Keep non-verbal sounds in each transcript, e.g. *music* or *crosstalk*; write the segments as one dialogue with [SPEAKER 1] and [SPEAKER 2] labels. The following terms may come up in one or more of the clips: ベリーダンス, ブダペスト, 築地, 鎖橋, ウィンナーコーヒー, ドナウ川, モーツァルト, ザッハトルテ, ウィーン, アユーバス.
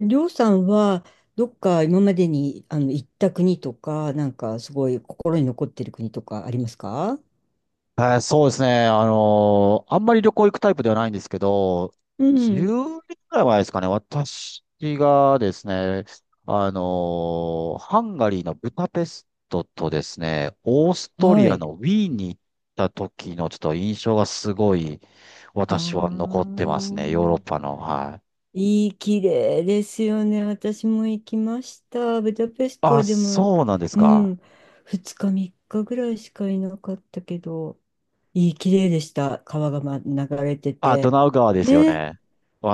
[SPEAKER 1] りょうさんは、どっか今までに行った国とか、なんかすごい心に残ってる国とかありますか？
[SPEAKER 2] はい、そうですね。あんまり旅行行くタイプではないんですけど、
[SPEAKER 1] うん。
[SPEAKER 2] 10年ぐらい前ですかね、私がですね、ハンガリーのブダペストとですね、オーストリ
[SPEAKER 1] は
[SPEAKER 2] ア
[SPEAKER 1] い。
[SPEAKER 2] のウィーンに行った時のちょっと印象がすごい、
[SPEAKER 1] ああ、
[SPEAKER 2] 私は残ってますね、ヨーロッパの。はい。
[SPEAKER 1] 綺麗ですよね。私も行きました。ブダペスト
[SPEAKER 2] あ、
[SPEAKER 1] はでも、
[SPEAKER 2] そうなんです
[SPEAKER 1] う
[SPEAKER 2] か。
[SPEAKER 1] ん、2日3日ぐらいしかいなかったけど、綺麗でした。川が、流れて
[SPEAKER 2] あ、ド
[SPEAKER 1] て。
[SPEAKER 2] ナウ川ですよ
[SPEAKER 1] ね、
[SPEAKER 2] ね。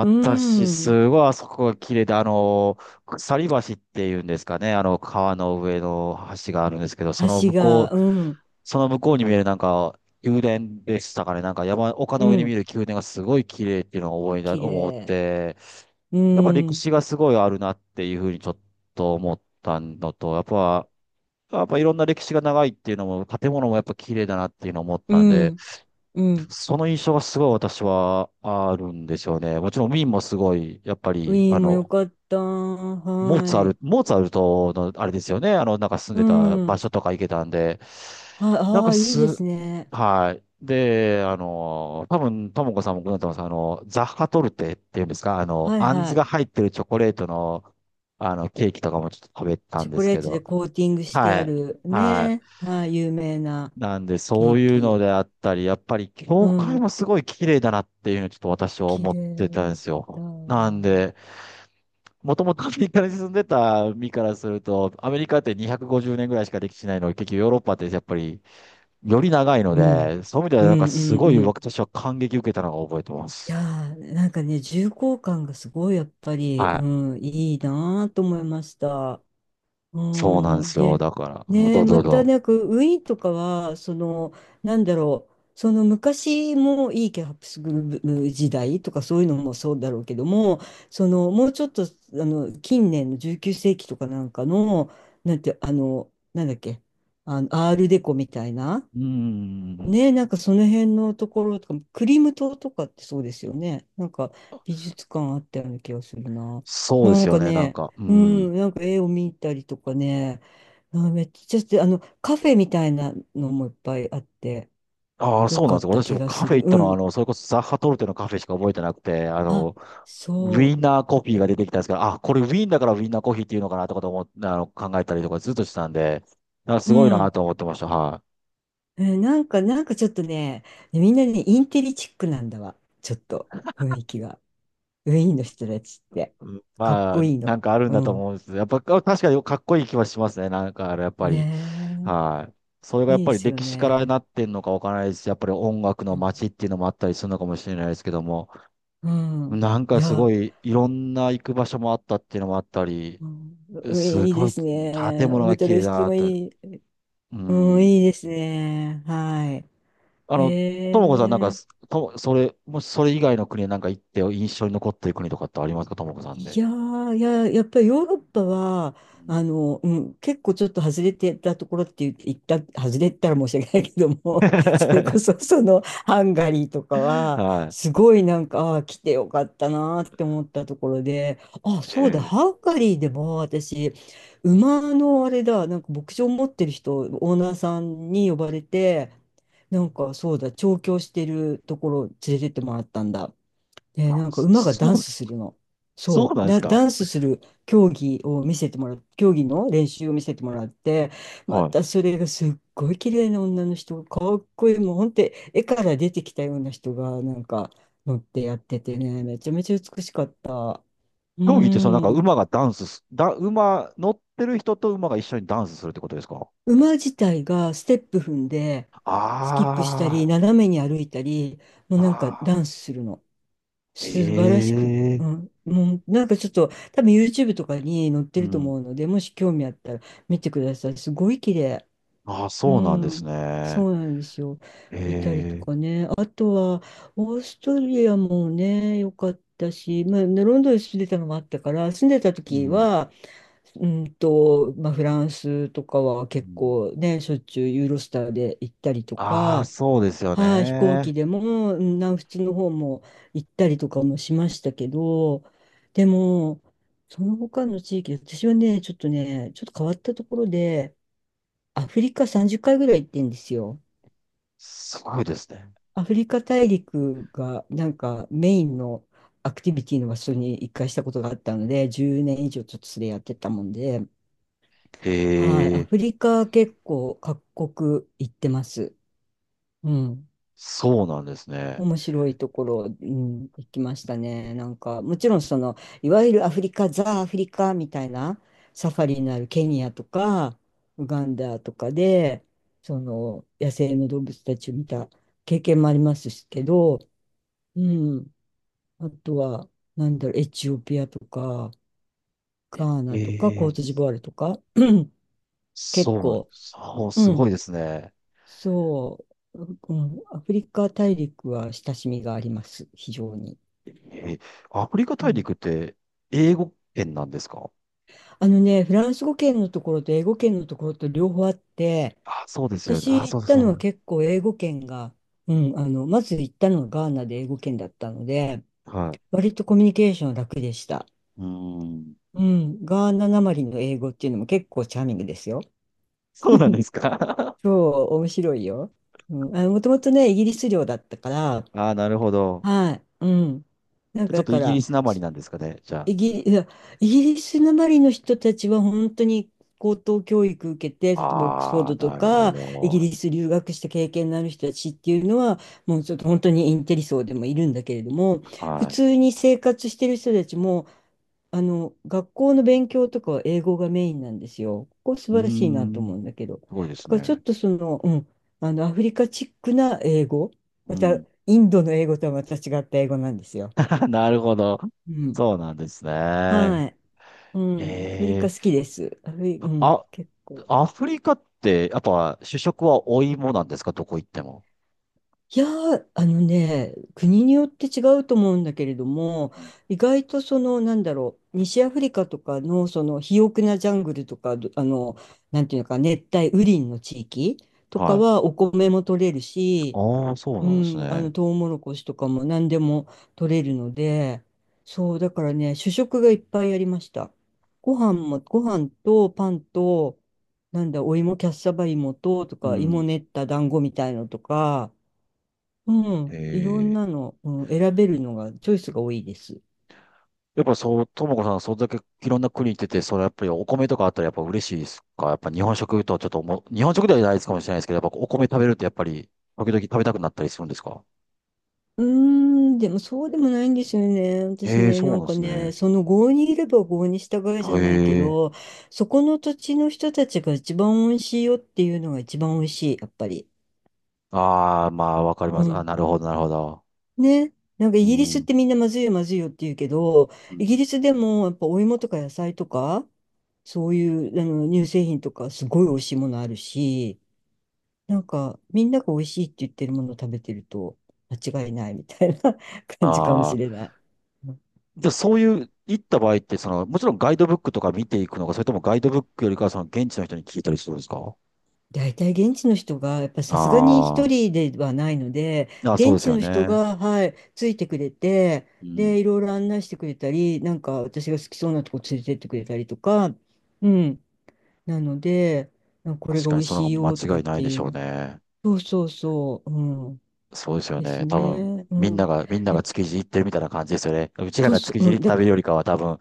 [SPEAKER 1] うん、
[SPEAKER 2] すごいあそこが綺麗で、鎖橋っていうんですかね、川の上の橋があるんですけど、
[SPEAKER 1] 橋が、うん、
[SPEAKER 2] その向こうに見えるなんか、宮殿でしたかね、なんか山、丘
[SPEAKER 1] う
[SPEAKER 2] の上に見え
[SPEAKER 1] ん、
[SPEAKER 2] る宮殿がすごい綺麗っていうのを思いだ、
[SPEAKER 1] 綺
[SPEAKER 2] 思っ
[SPEAKER 1] 麗。
[SPEAKER 2] て、
[SPEAKER 1] う
[SPEAKER 2] やっぱ歴
[SPEAKER 1] ん、
[SPEAKER 2] 史がすごいあるなっていうふうにちょっと思ったのと、やっぱいろんな歴史が長いっていうのも、建物もやっぱ綺麗だなっていうのを思っ
[SPEAKER 1] う
[SPEAKER 2] たんで、
[SPEAKER 1] ん、うん。
[SPEAKER 2] その印象がすごい私はあるんですよね。もちろんウィーンもすごい、やっぱ
[SPEAKER 1] ウ
[SPEAKER 2] り、
[SPEAKER 1] ィーンもよかった。
[SPEAKER 2] モーツ
[SPEAKER 1] は
[SPEAKER 2] ァル
[SPEAKER 1] い。
[SPEAKER 2] ト、モーツァルトのあれですよね。なんか住ん
[SPEAKER 1] う
[SPEAKER 2] でた場
[SPEAKER 1] ん。
[SPEAKER 2] 所とか行けたんで、
[SPEAKER 1] はい、
[SPEAKER 2] なん
[SPEAKER 1] あ
[SPEAKER 2] か
[SPEAKER 1] あ、いいで
[SPEAKER 2] す、
[SPEAKER 1] すね。
[SPEAKER 2] はい。で、多分、ともこさんもご存知だと思います。ザッハトルテっていうんですか、
[SPEAKER 1] はい
[SPEAKER 2] あん
[SPEAKER 1] は
[SPEAKER 2] ず
[SPEAKER 1] い。
[SPEAKER 2] が入ってるチョコレートの、ケーキとかもちょっと食べた
[SPEAKER 1] チ
[SPEAKER 2] ん
[SPEAKER 1] ョ
[SPEAKER 2] で
[SPEAKER 1] コ
[SPEAKER 2] す
[SPEAKER 1] レ
[SPEAKER 2] け
[SPEAKER 1] ートで
[SPEAKER 2] ど、
[SPEAKER 1] コーティングして
[SPEAKER 2] は
[SPEAKER 1] あ
[SPEAKER 2] い。
[SPEAKER 1] る
[SPEAKER 2] は
[SPEAKER 1] ね。
[SPEAKER 2] い。
[SPEAKER 1] はい、有名な
[SPEAKER 2] なんで、
[SPEAKER 1] ケ
[SPEAKER 2] そ
[SPEAKER 1] ー
[SPEAKER 2] ういうの
[SPEAKER 1] キ。
[SPEAKER 2] であったり、やっぱり
[SPEAKER 1] う
[SPEAKER 2] 教会
[SPEAKER 1] ん。
[SPEAKER 2] もすごい綺麗だなっていうのをちょっと私は
[SPEAKER 1] 綺
[SPEAKER 2] 思っ
[SPEAKER 1] 麗
[SPEAKER 2] てたん
[SPEAKER 1] だ
[SPEAKER 2] で
[SPEAKER 1] っ
[SPEAKER 2] す
[SPEAKER 1] た。
[SPEAKER 2] よ。
[SPEAKER 1] う
[SPEAKER 2] なん
[SPEAKER 1] ん。
[SPEAKER 2] で、もともとアメリカに住んでた身からすると、アメリカって250年ぐらいしか歴史ないのに、結局ヨーロッパってやっぱりより長いの
[SPEAKER 1] うん
[SPEAKER 2] で、そういう意味で
[SPEAKER 1] う
[SPEAKER 2] はなんか
[SPEAKER 1] ん
[SPEAKER 2] すごい
[SPEAKER 1] うん。い
[SPEAKER 2] 私は感激受けたのを覚えてます。
[SPEAKER 1] やー、なんかね、重厚感がすごいやっぱり、
[SPEAKER 2] はい。
[SPEAKER 1] うん、いいなーと思いました。
[SPEAKER 2] そうなんで
[SPEAKER 1] うん、
[SPEAKER 2] すよ。
[SPEAKER 1] で、
[SPEAKER 2] だから、うん、ど
[SPEAKER 1] ね、
[SPEAKER 2] うぞど
[SPEAKER 1] ま
[SPEAKER 2] う
[SPEAKER 1] た
[SPEAKER 2] ぞ。
[SPEAKER 1] なんかウィーンとかは、なんだろう、その昔もいいケハプスブルク時代とかそういうのもそうだろうけども、もうちょっと、近年の19世紀とかなんかの、なんて、なんだっけ、アールデコみたいな、
[SPEAKER 2] うん。
[SPEAKER 1] ねえ、なんかその辺のところとか、クリム島とかってそうですよね。なんか美術館あったような気がするな。
[SPEAKER 2] そうで
[SPEAKER 1] な
[SPEAKER 2] す
[SPEAKER 1] ん
[SPEAKER 2] よ
[SPEAKER 1] か
[SPEAKER 2] ね。なん
[SPEAKER 1] ね、
[SPEAKER 2] か、う
[SPEAKER 1] う
[SPEAKER 2] ん。
[SPEAKER 1] ん、なんか絵を見たりとかね、あ、めっちゃして、カフェみたいなのもいっぱいあって、
[SPEAKER 2] ああ、
[SPEAKER 1] よ
[SPEAKER 2] そうな
[SPEAKER 1] か
[SPEAKER 2] んです
[SPEAKER 1] っ
[SPEAKER 2] よ。
[SPEAKER 1] た
[SPEAKER 2] 私
[SPEAKER 1] 気
[SPEAKER 2] も
[SPEAKER 1] が
[SPEAKER 2] カ
[SPEAKER 1] す
[SPEAKER 2] フェ
[SPEAKER 1] る。
[SPEAKER 2] 行った
[SPEAKER 1] う
[SPEAKER 2] のは、
[SPEAKER 1] ん。
[SPEAKER 2] それこそザッハトルテのカフェしか覚えてなくて、
[SPEAKER 1] あ、
[SPEAKER 2] ウィ
[SPEAKER 1] そ
[SPEAKER 2] ンナーコーヒーが出てきたんですけど、あ、これウィーンだからウィンナーコーヒーっていうのかなとかと思っ、あの、考えたりとかずっとしてたんで、あ、
[SPEAKER 1] う。
[SPEAKER 2] す
[SPEAKER 1] う
[SPEAKER 2] ごいな
[SPEAKER 1] ん。
[SPEAKER 2] と思ってました。はい。
[SPEAKER 1] なんか、なんかちょっとね、ねみんなね、インテリチックなんだわ。ちょっと、雰囲気が。ウィーンの人たちって。
[SPEAKER 2] うん、
[SPEAKER 1] かっ
[SPEAKER 2] ま
[SPEAKER 1] こ
[SPEAKER 2] あ、
[SPEAKER 1] いい
[SPEAKER 2] な
[SPEAKER 1] の。
[SPEAKER 2] んかあるん
[SPEAKER 1] う
[SPEAKER 2] だと
[SPEAKER 1] ん。
[SPEAKER 2] 思うんですけど。やっぱ、あ、確かにかっこいい気はしますね。なんか、やっぱり。
[SPEAKER 1] ね
[SPEAKER 2] はい。それが
[SPEAKER 1] え。
[SPEAKER 2] や
[SPEAKER 1] い
[SPEAKER 2] っ
[SPEAKER 1] いで
[SPEAKER 2] ぱり
[SPEAKER 1] すよ
[SPEAKER 2] 歴史から
[SPEAKER 1] ね。
[SPEAKER 2] なってんのかわからないですし、やっぱり音楽
[SPEAKER 1] う
[SPEAKER 2] の
[SPEAKER 1] ん。
[SPEAKER 2] 街っていうのもあったりするのかもしれないですけども、
[SPEAKER 1] うん
[SPEAKER 2] なん
[SPEAKER 1] い
[SPEAKER 2] かす
[SPEAKER 1] や、
[SPEAKER 2] ごい、いろんな行く場所もあったっていうのもあったり、
[SPEAKER 1] うん、うん
[SPEAKER 2] す
[SPEAKER 1] いい
[SPEAKER 2] ご
[SPEAKER 1] で
[SPEAKER 2] い、
[SPEAKER 1] す
[SPEAKER 2] 建
[SPEAKER 1] ね。
[SPEAKER 2] 物
[SPEAKER 1] ブ
[SPEAKER 2] が
[SPEAKER 1] タ
[SPEAKER 2] 綺麗
[SPEAKER 1] レスト
[SPEAKER 2] だ
[SPEAKER 1] も
[SPEAKER 2] と。
[SPEAKER 1] いい。
[SPEAKER 2] う
[SPEAKER 1] うん、
[SPEAKER 2] ん。
[SPEAKER 1] いいですね。はい。
[SPEAKER 2] あの、ともこさん、なん
[SPEAKER 1] へ
[SPEAKER 2] か、
[SPEAKER 1] え。
[SPEAKER 2] と、それ、もしそれ以外の国へなんか行って印象に残ってる国とかってありますか、ともこさん
[SPEAKER 1] い
[SPEAKER 2] で。
[SPEAKER 1] やー、いや、やっぱりヨーロッパは、
[SPEAKER 2] うん。
[SPEAKER 1] うん、結構ちょっと外れてたところって言った、外れてたら申し訳ないけども、*laughs* それこ
[SPEAKER 2] *laughs*
[SPEAKER 1] そそのハンガリーとかは、
[SPEAKER 2] は
[SPEAKER 1] すごいなんか、ああ来てよかったなーって思ったところで、あ、そうだ、
[SPEAKER 2] い。え
[SPEAKER 1] ハ
[SPEAKER 2] え、
[SPEAKER 1] ンガリーでも私、馬のあれだ、なんか牧場持ってる人、オーナーさんに呼ばれて、なんかそうだ、調教してるところ連れてってもらったんだ。で、
[SPEAKER 2] あ、
[SPEAKER 1] なんか
[SPEAKER 2] そ
[SPEAKER 1] 馬がダン
[SPEAKER 2] そう、
[SPEAKER 1] スするの。
[SPEAKER 2] そう
[SPEAKER 1] そ
[SPEAKER 2] な
[SPEAKER 1] う。
[SPEAKER 2] んですか。
[SPEAKER 1] ダンスする競技を見せてもらう、競技の練習を見せてもらって、ま
[SPEAKER 2] はい。
[SPEAKER 1] たそれがすっごい綺麗な女の人、かっこいい、もう本当に絵から出てきたような人がなんか乗ってやっててね、めちゃめちゃ美しかった。う
[SPEAKER 2] 競技って、そのなんか
[SPEAKER 1] ん。
[SPEAKER 2] 馬がダンスす、だ、馬、乗ってる人と馬が一緒にダンスするってことですか？
[SPEAKER 1] 馬自体がステップ踏んで、スキップしたり、
[SPEAKER 2] あ
[SPEAKER 1] 斜めに歩いたり、もう
[SPEAKER 2] あ、
[SPEAKER 1] なんか
[SPEAKER 2] あ
[SPEAKER 1] ダ
[SPEAKER 2] あ、
[SPEAKER 1] ンスするの。素晴らしく、
[SPEAKER 2] え
[SPEAKER 1] う
[SPEAKER 2] え、
[SPEAKER 1] ん、もうなんかちょっと多分 YouTube とかに載って
[SPEAKER 2] う
[SPEAKER 1] ると
[SPEAKER 2] ん。
[SPEAKER 1] 思うので、もし興味あったら見てください。すごい綺麗。
[SPEAKER 2] ああ、
[SPEAKER 1] う
[SPEAKER 2] そうなんです
[SPEAKER 1] ん、
[SPEAKER 2] ね。
[SPEAKER 1] そうなんですよ。見たりと
[SPEAKER 2] ええ、
[SPEAKER 1] かね。あとは、オーストリアもね、良かったし、まあ、ねロンドンに住んでたのもあったから、住んでた
[SPEAKER 2] う
[SPEAKER 1] 時
[SPEAKER 2] ん。
[SPEAKER 1] は、まあ、フランスとかは
[SPEAKER 2] う
[SPEAKER 1] 結
[SPEAKER 2] ん、
[SPEAKER 1] 構ね、しょっちゅうユーロスターで行ったりと
[SPEAKER 2] ああ、
[SPEAKER 1] か、
[SPEAKER 2] そうですよ
[SPEAKER 1] はい、飛行
[SPEAKER 2] ね。
[SPEAKER 1] 機でも、うん南仏の方も行ったりとかもしましたけど、でも、その他の地域、私はね、ちょっとね、ちょっと変わったところで、アフリカ30回ぐらい行ってんですよ。
[SPEAKER 2] すごいですね。
[SPEAKER 1] アフリカ大陸がなんかメインのアクティビティの場所に一回したことがあったので、10年以上ちょっとそれやってたもんで、
[SPEAKER 2] へ
[SPEAKER 1] はい、ア
[SPEAKER 2] え、
[SPEAKER 1] フリカ結構各国行ってます。うん。
[SPEAKER 2] そうなんですね。
[SPEAKER 1] 面白いところ、うん、行きましたね。なんか、もちろんいわゆるアフリカ、ザ・アフリカみたいなサファリになるケニアとか、ウガンダとかで、野生の動物たちを見た経験もありますけど、うん、あとは、なんだろう、エチオピアとか、ガー
[SPEAKER 2] へ
[SPEAKER 1] ナとか、コー
[SPEAKER 2] え、
[SPEAKER 1] トジボワールとか、*clears throat* 結
[SPEAKER 2] そう、
[SPEAKER 1] 構、
[SPEAKER 2] そう、
[SPEAKER 1] う
[SPEAKER 2] す
[SPEAKER 1] ん、
[SPEAKER 2] ごいですね。
[SPEAKER 1] そう、うん、アフリカ大陸は親しみがあります、非常に。
[SPEAKER 2] えー、アフリカ
[SPEAKER 1] う
[SPEAKER 2] 大
[SPEAKER 1] ん
[SPEAKER 2] 陸って英語圏なんですか？
[SPEAKER 1] あのね、フランス語圏のところと英語圏のところと両方あって、
[SPEAKER 2] あ、そうですよね。
[SPEAKER 1] 私
[SPEAKER 2] あ、そ
[SPEAKER 1] 行っ
[SPEAKER 2] うだ、
[SPEAKER 1] た
[SPEAKER 2] そう
[SPEAKER 1] のは
[SPEAKER 2] だ。
[SPEAKER 1] 結構英語圏が、うん、まず行ったのはガーナで英語圏だったので、
[SPEAKER 2] はい。
[SPEAKER 1] 割とコミュニケーション楽でした。
[SPEAKER 2] うーん。
[SPEAKER 1] うん、ガーナなまりの英語っていうのも結構チャーミングですよ。
[SPEAKER 2] *laughs* そうなんですか？ *laughs*
[SPEAKER 1] そう、面白いよ。うん、もともとね、イギリス領だったから、
[SPEAKER 2] あー、なるほど。
[SPEAKER 1] はい、うん。なん
[SPEAKER 2] じゃあ
[SPEAKER 1] か
[SPEAKER 2] ちょっ
[SPEAKER 1] だ
[SPEAKER 2] とイ
[SPEAKER 1] か
[SPEAKER 2] ギリ
[SPEAKER 1] ら、
[SPEAKER 2] スなまりなんですかね、じゃ
[SPEAKER 1] イギリ、いやイギリスなまりの人たちは本当に高等教育受けて、
[SPEAKER 2] あ。
[SPEAKER 1] 例えばオックスフォー
[SPEAKER 2] ああ、
[SPEAKER 1] ドと
[SPEAKER 2] なるほ
[SPEAKER 1] か、イギ
[SPEAKER 2] ど。
[SPEAKER 1] リス留学した経験のある人たちっていうのは、もうちょっと本当にインテリ層でもいるんだけれども、普
[SPEAKER 2] は
[SPEAKER 1] 通に生活してる人たちも、学校の勉強とかは英語がメインなんですよ。ここ素
[SPEAKER 2] い。うー
[SPEAKER 1] 晴らしいなと
[SPEAKER 2] ん。
[SPEAKER 1] 思うんだけど。
[SPEAKER 2] すごいで
[SPEAKER 1] だ
[SPEAKER 2] す
[SPEAKER 1] からちょっ
[SPEAKER 2] ね。
[SPEAKER 1] とうん、アフリカチックな英語、ま
[SPEAKER 2] う
[SPEAKER 1] た、
[SPEAKER 2] ん。
[SPEAKER 1] インドの英語とはまた違った英語なんですよ。
[SPEAKER 2] *laughs* なるほど。
[SPEAKER 1] うん。
[SPEAKER 2] そうなんですね。
[SPEAKER 1] はい。うん、アフリカ
[SPEAKER 2] え
[SPEAKER 1] 好き
[SPEAKER 2] え、
[SPEAKER 1] です。アフリ、うん、
[SPEAKER 2] あ、
[SPEAKER 1] 結構。
[SPEAKER 2] アフリカって、やっぱ主食はお芋なんですか、どこ行っても？
[SPEAKER 1] いやー、あのね、国によって違うと思うんだけれども、
[SPEAKER 2] うん、
[SPEAKER 1] 意外となんだろう、西アフリカとかの、肥沃なジャングルとか、どあの、なんていうのか、熱帯雨林の地域と
[SPEAKER 2] は
[SPEAKER 1] か
[SPEAKER 2] い。
[SPEAKER 1] は、お米も取れるし、
[SPEAKER 2] ああ、そう
[SPEAKER 1] う
[SPEAKER 2] なんです
[SPEAKER 1] ん、
[SPEAKER 2] ね。
[SPEAKER 1] トウモロコシとかも何でも取れるので、そう、だからね、主食がいっぱいありました。ご飯も、ご飯とパンと、なんだ、お芋、キャッサバ芋と、
[SPEAKER 2] う
[SPEAKER 1] か、芋
[SPEAKER 2] ん。
[SPEAKER 1] 練った団子みたいのとか、うん、いろん
[SPEAKER 2] ええ、
[SPEAKER 1] なの、うん、選べるのが、チョイスが多いです。
[SPEAKER 2] やっぱそう、ともこさん、それだけいろんな国行ってて、それやっぱりお米とかあったらやっぱ嬉しいですか？やっぱ日本食とはちょっともう、日本食ではないですかもしれないですけど、やっぱお米食べるってやっぱり、時々食べたくなったりするんですか？
[SPEAKER 1] うーん、でもそうでもないんですよね。私
[SPEAKER 2] ええ、
[SPEAKER 1] ね、
[SPEAKER 2] そう
[SPEAKER 1] な
[SPEAKER 2] な
[SPEAKER 1] ん
[SPEAKER 2] んで
[SPEAKER 1] か
[SPEAKER 2] す
[SPEAKER 1] ね、
[SPEAKER 2] ね。
[SPEAKER 1] その郷にいれば郷に従えじゃないけ
[SPEAKER 2] ええ、
[SPEAKER 1] ど、そこの土地の人たちが一番美味しいよっていうのが一番美味しい、やっぱり。
[SPEAKER 2] ああ、まあ、わかりま
[SPEAKER 1] う
[SPEAKER 2] す。あ、
[SPEAKER 1] ん。
[SPEAKER 2] なるほど、なるほど。
[SPEAKER 1] ね。なんか
[SPEAKER 2] う
[SPEAKER 1] イギリスっ
[SPEAKER 2] ん、
[SPEAKER 1] てみんなまずいよまずいよって言うけど、
[SPEAKER 2] う
[SPEAKER 1] イギ
[SPEAKER 2] ん、
[SPEAKER 1] リスでもやっぱお芋とか野菜とか、そういう乳製品とかすごい美味しいものあるし、なんかみんなが美味しいって言ってるものを食べてると間違いないみたいな *laughs* 感じかもし
[SPEAKER 2] あ
[SPEAKER 1] れ
[SPEAKER 2] あ、
[SPEAKER 1] ない。
[SPEAKER 2] じゃあそういう、行った場合って、その、もちろんガイドブックとか見ていくのか、それともガイドブックよりかは、その現地の人に聞いたりするんですか？
[SPEAKER 1] 大体現地の人が、やっぱさすがに一
[SPEAKER 2] あ
[SPEAKER 1] 人ではないので、
[SPEAKER 2] あ、あ、そうで
[SPEAKER 1] 現
[SPEAKER 2] す
[SPEAKER 1] 地
[SPEAKER 2] よ
[SPEAKER 1] の人
[SPEAKER 2] ね。
[SPEAKER 1] が、はい、ついてくれて、
[SPEAKER 2] うん。
[SPEAKER 1] で、いろいろ案内してくれたり、なんか私が好きそうなとこ連れてってくれたりとか、うん。なので、なんかこれ
[SPEAKER 2] 確
[SPEAKER 1] が
[SPEAKER 2] か
[SPEAKER 1] 美
[SPEAKER 2] に
[SPEAKER 1] 味
[SPEAKER 2] その
[SPEAKER 1] し
[SPEAKER 2] 方
[SPEAKER 1] い
[SPEAKER 2] が
[SPEAKER 1] よとか
[SPEAKER 2] 間
[SPEAKER 1] っ
[SPEAKER 2] 違いない
[SPEAKER 1] て
[SPEAKER 2] で
[SPEAKER 1] い
[SPEAKER 2] し
[SPEAKER 1] う
[SPEAKER 2] ょう
[SPEAKER 1] の。
[SPEAKER 2] ね。
[SPEAKER 1] そうそうそう、うん。
[SPEAKER 2] そうですよ
[SPEAKER 1] です
[SPEAKER 2] ね。多分、
[SPEAKER 1] ね。う
[SPEAKER 2] みんな
[SPEAKER 1] ん。
[SPEAKER 2] が、みんな
[SPEAKER 1] え
[SPEAKER 2] が築地行ってるみたいな感じですよね。うちら
[SPEAKER 1] そう
[SPEAKER 2] が
[SPEAKER 1] そ
[SPEAKER 2] 築地
[SPEAKER 1] う、う
[SPEAKER 2] に行っ
[SPEAKER 1] ん。
[SPEAKER 2] て食べるよりかは、多分、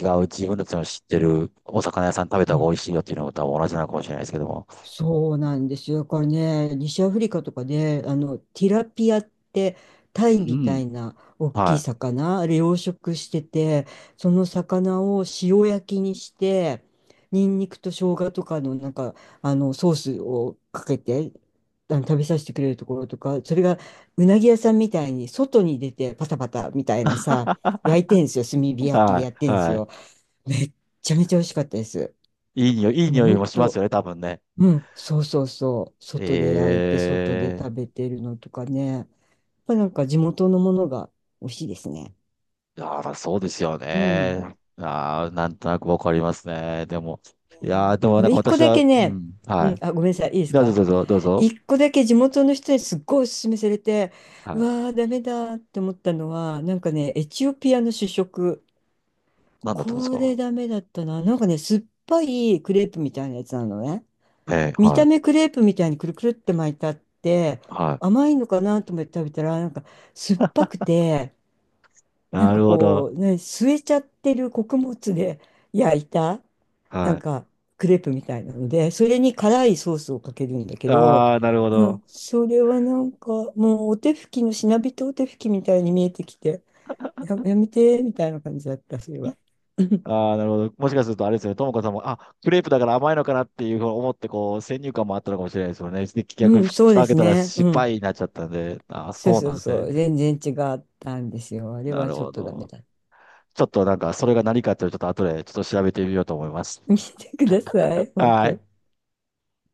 [SPEAKER 2] 違う自分たちの知ってるお魚屋さん食べた
[SPEAKER 1] う
[SPEAKER 2] 方が
[SPEAKER 1] ん。
[SPEAKER 2] 美味しいよっていうのも多分同じなのかもしれないですけども。
[SPEAKER 1] そうなんですよ。だからね、西アフリカとかで、ティラピアって、タ
[SPEAKER 2] う
[SPEAKER 1] イみた
[SPEAKER 2] ん。
[SPEAKER 1] いな大きい
[SPEAKER 2] は
[SPEAKER 1] 魚、あれ養殖してて、その魚を塩焼きにして、ニンニクと生姜とかの、なんか、ソースをかけて、食べさせてくれるところとか、それがうなぎ屋さんみたいに外に出てパタパタみたいなさ、焼いてんですよ。炭火
[SPEAKER 2] い。
[SPEAKER 1] 焼き
[SPEAKER 2] は
[SPEAKER 1] で
[SPEAKER 2] い。
[SPEAKER 1] やってんです
[SPEAKER 2] はい。
[SPEAKER 1] よ。めっちゃめちゃ美味しかったです。
[SPEAKER 2] いい匂い、いい
[SPEAKER 1] もう
[SPEAKER 2] 匂い
[SPEAKER 1] 本
[SPEAKER 2] もします
[SPEAKER 1] 当
[SPEAKER 2] よね、多分ね。
[SPEAKER 1] うん、そうそうそう。外で焼いて、外で
[SPEAKER 2] え
[SPEAKER 1] 食
[SPEAKER 2] え、
[SPEAKER 1] べてるのとかね。やっぱなんか地元のものが美味しいですね。
[SPEAKER 2] あら、そうですよ
[SPEAKER 1] うん。
[SPEAKER 2] ね。ああ、なんとなくわかりますね。でも、いやー、でも
[SPEAKER 1] で
[SPEAKER 2] な
[SPEAKER 1] も
[SPEAKER 2] んか
[SPEAKER 1] 一個
[SPEAKER 2] 私
[SPEAKER 1] だ
[SPEAKER 2] は、
[SPEAKER 1] け
[SPEAKER 2] う
[SPEAKER 1] ね、
[SPEAKER 2] ん、
[SPEAKER 1] う
[SPEAKER 2] は
[SPEAKER 1] ん、
[SPEAKER 2] い。
[SPEAKER 1] あ、ごめんなさい、いいです
[SPEAKER 2] じゃあ、ど
[SPEAKER 1] か？
[SPEAKER 2] うぞ、どうぞ、どうぞ。
[SPEAKER 1] 一個だけ地元の人にすっごいおすすめされて、
[SPEAKER 2] は
[SPEAKER 1] う
[SPEAKER 2] い。
[SPEAKER 1] わー、ダメだって思ったのは、なんかね、エチオピアの主食。
[SPEAKER 2] なんだったんです
[SPEAKER 1] これ
[SPEAKER 2] か？
[SPEAKER 1] ダメだったな。なんかね、酸っぱいクレープみたいなやつなのね。
[SPEAKER 2] ええ、
[SPEAKER 1] 見
[SPEAKER 2] は
[SPEAKER 1] た目
[SPEAKER 2] い、
[SPEAKER 1] クレープみたいにくるくるって巻いてあって、
[SPEAKER 2] は
[SPEAKER 1] 甘いのかなと思って食べたら、なんか酸っぱくて、
[SPEAKER 2] い。
[SPEAKER 1] なん
[SPEAKER 2] な
[SPEAKER 1] か
[SPEAKER 2] るほど。
[SPEAKER 1] こう、ね、吸えちゃってる穀物で *laughs* 焼いた、なん
[SPEAKER 2] は
[SPEAKER 1] かクレープみたいなので、それに辛いソースをかけるんだけ
[SPEAKER 2] い。
[SPEAKER 1] ど、
[SPEAKER 2] ああ、なるほ
[SPEAKER 1] う
[SPEAKER 2] ど。
[SPEAKER 1] ん、それはなんかもうお手拭きのしなびとお手拭きみたいに見えてきて、やめてみたいな感じだった、それは。*laughs* うん
[SPEAKER 2] ああ、なるほど。もしかするとあれですよね。ともかさんも、あ、クレープだから甘いのかなっていうふうに思って、こう、先入観もあったのかもしれないですよね。で逆に
[SPEAKER 1] うん、
[SPEAKER 2] ふ
[SPEAKER 1] そ
[SPEAKER 2] 蓋
[SPEAKER 1] うで
[SPEAKER 2] 開け
[SPEAKER 1] す
[SPEAKER 2] たら
[SPEAKER 1] ね。
[SPEAKER 2] 失
[SPEAKER 1] うん。
[SPEAKER 2] 敗になっちゃったんで、ああ、
[SPEAKER 1] そう
[SPEAKER 2] そう
[SPEAKER 1] そ
[SPEAKER 2] なん
[SPEAKER 1] う
[SPEAKER 2] です
[SPEAKER 1] そう。
[SPEAKER 2] ね。
[SPEAKER 1] 全然違ったんですよ。あれ
[SPEAKER 2] な
[SPEAKER 1] は
[SPEAKER 2] る
[SPEAKER 1] ちょっ
[SPEAKER 2] ほ
[SPEAKER 1] とダメ
[SPEAKER 2] ど。
[SPEAKER 1] だった。
[SPEAKER 2] ちょっとなんか、それが何かっていうのをちょっと後でちょっと調べてみようと思います。
[SPEAKER 1] 見てください、本
[SPEAKER 2] は
[SPEAKER 1] 当。
[SPEAKER 2] い。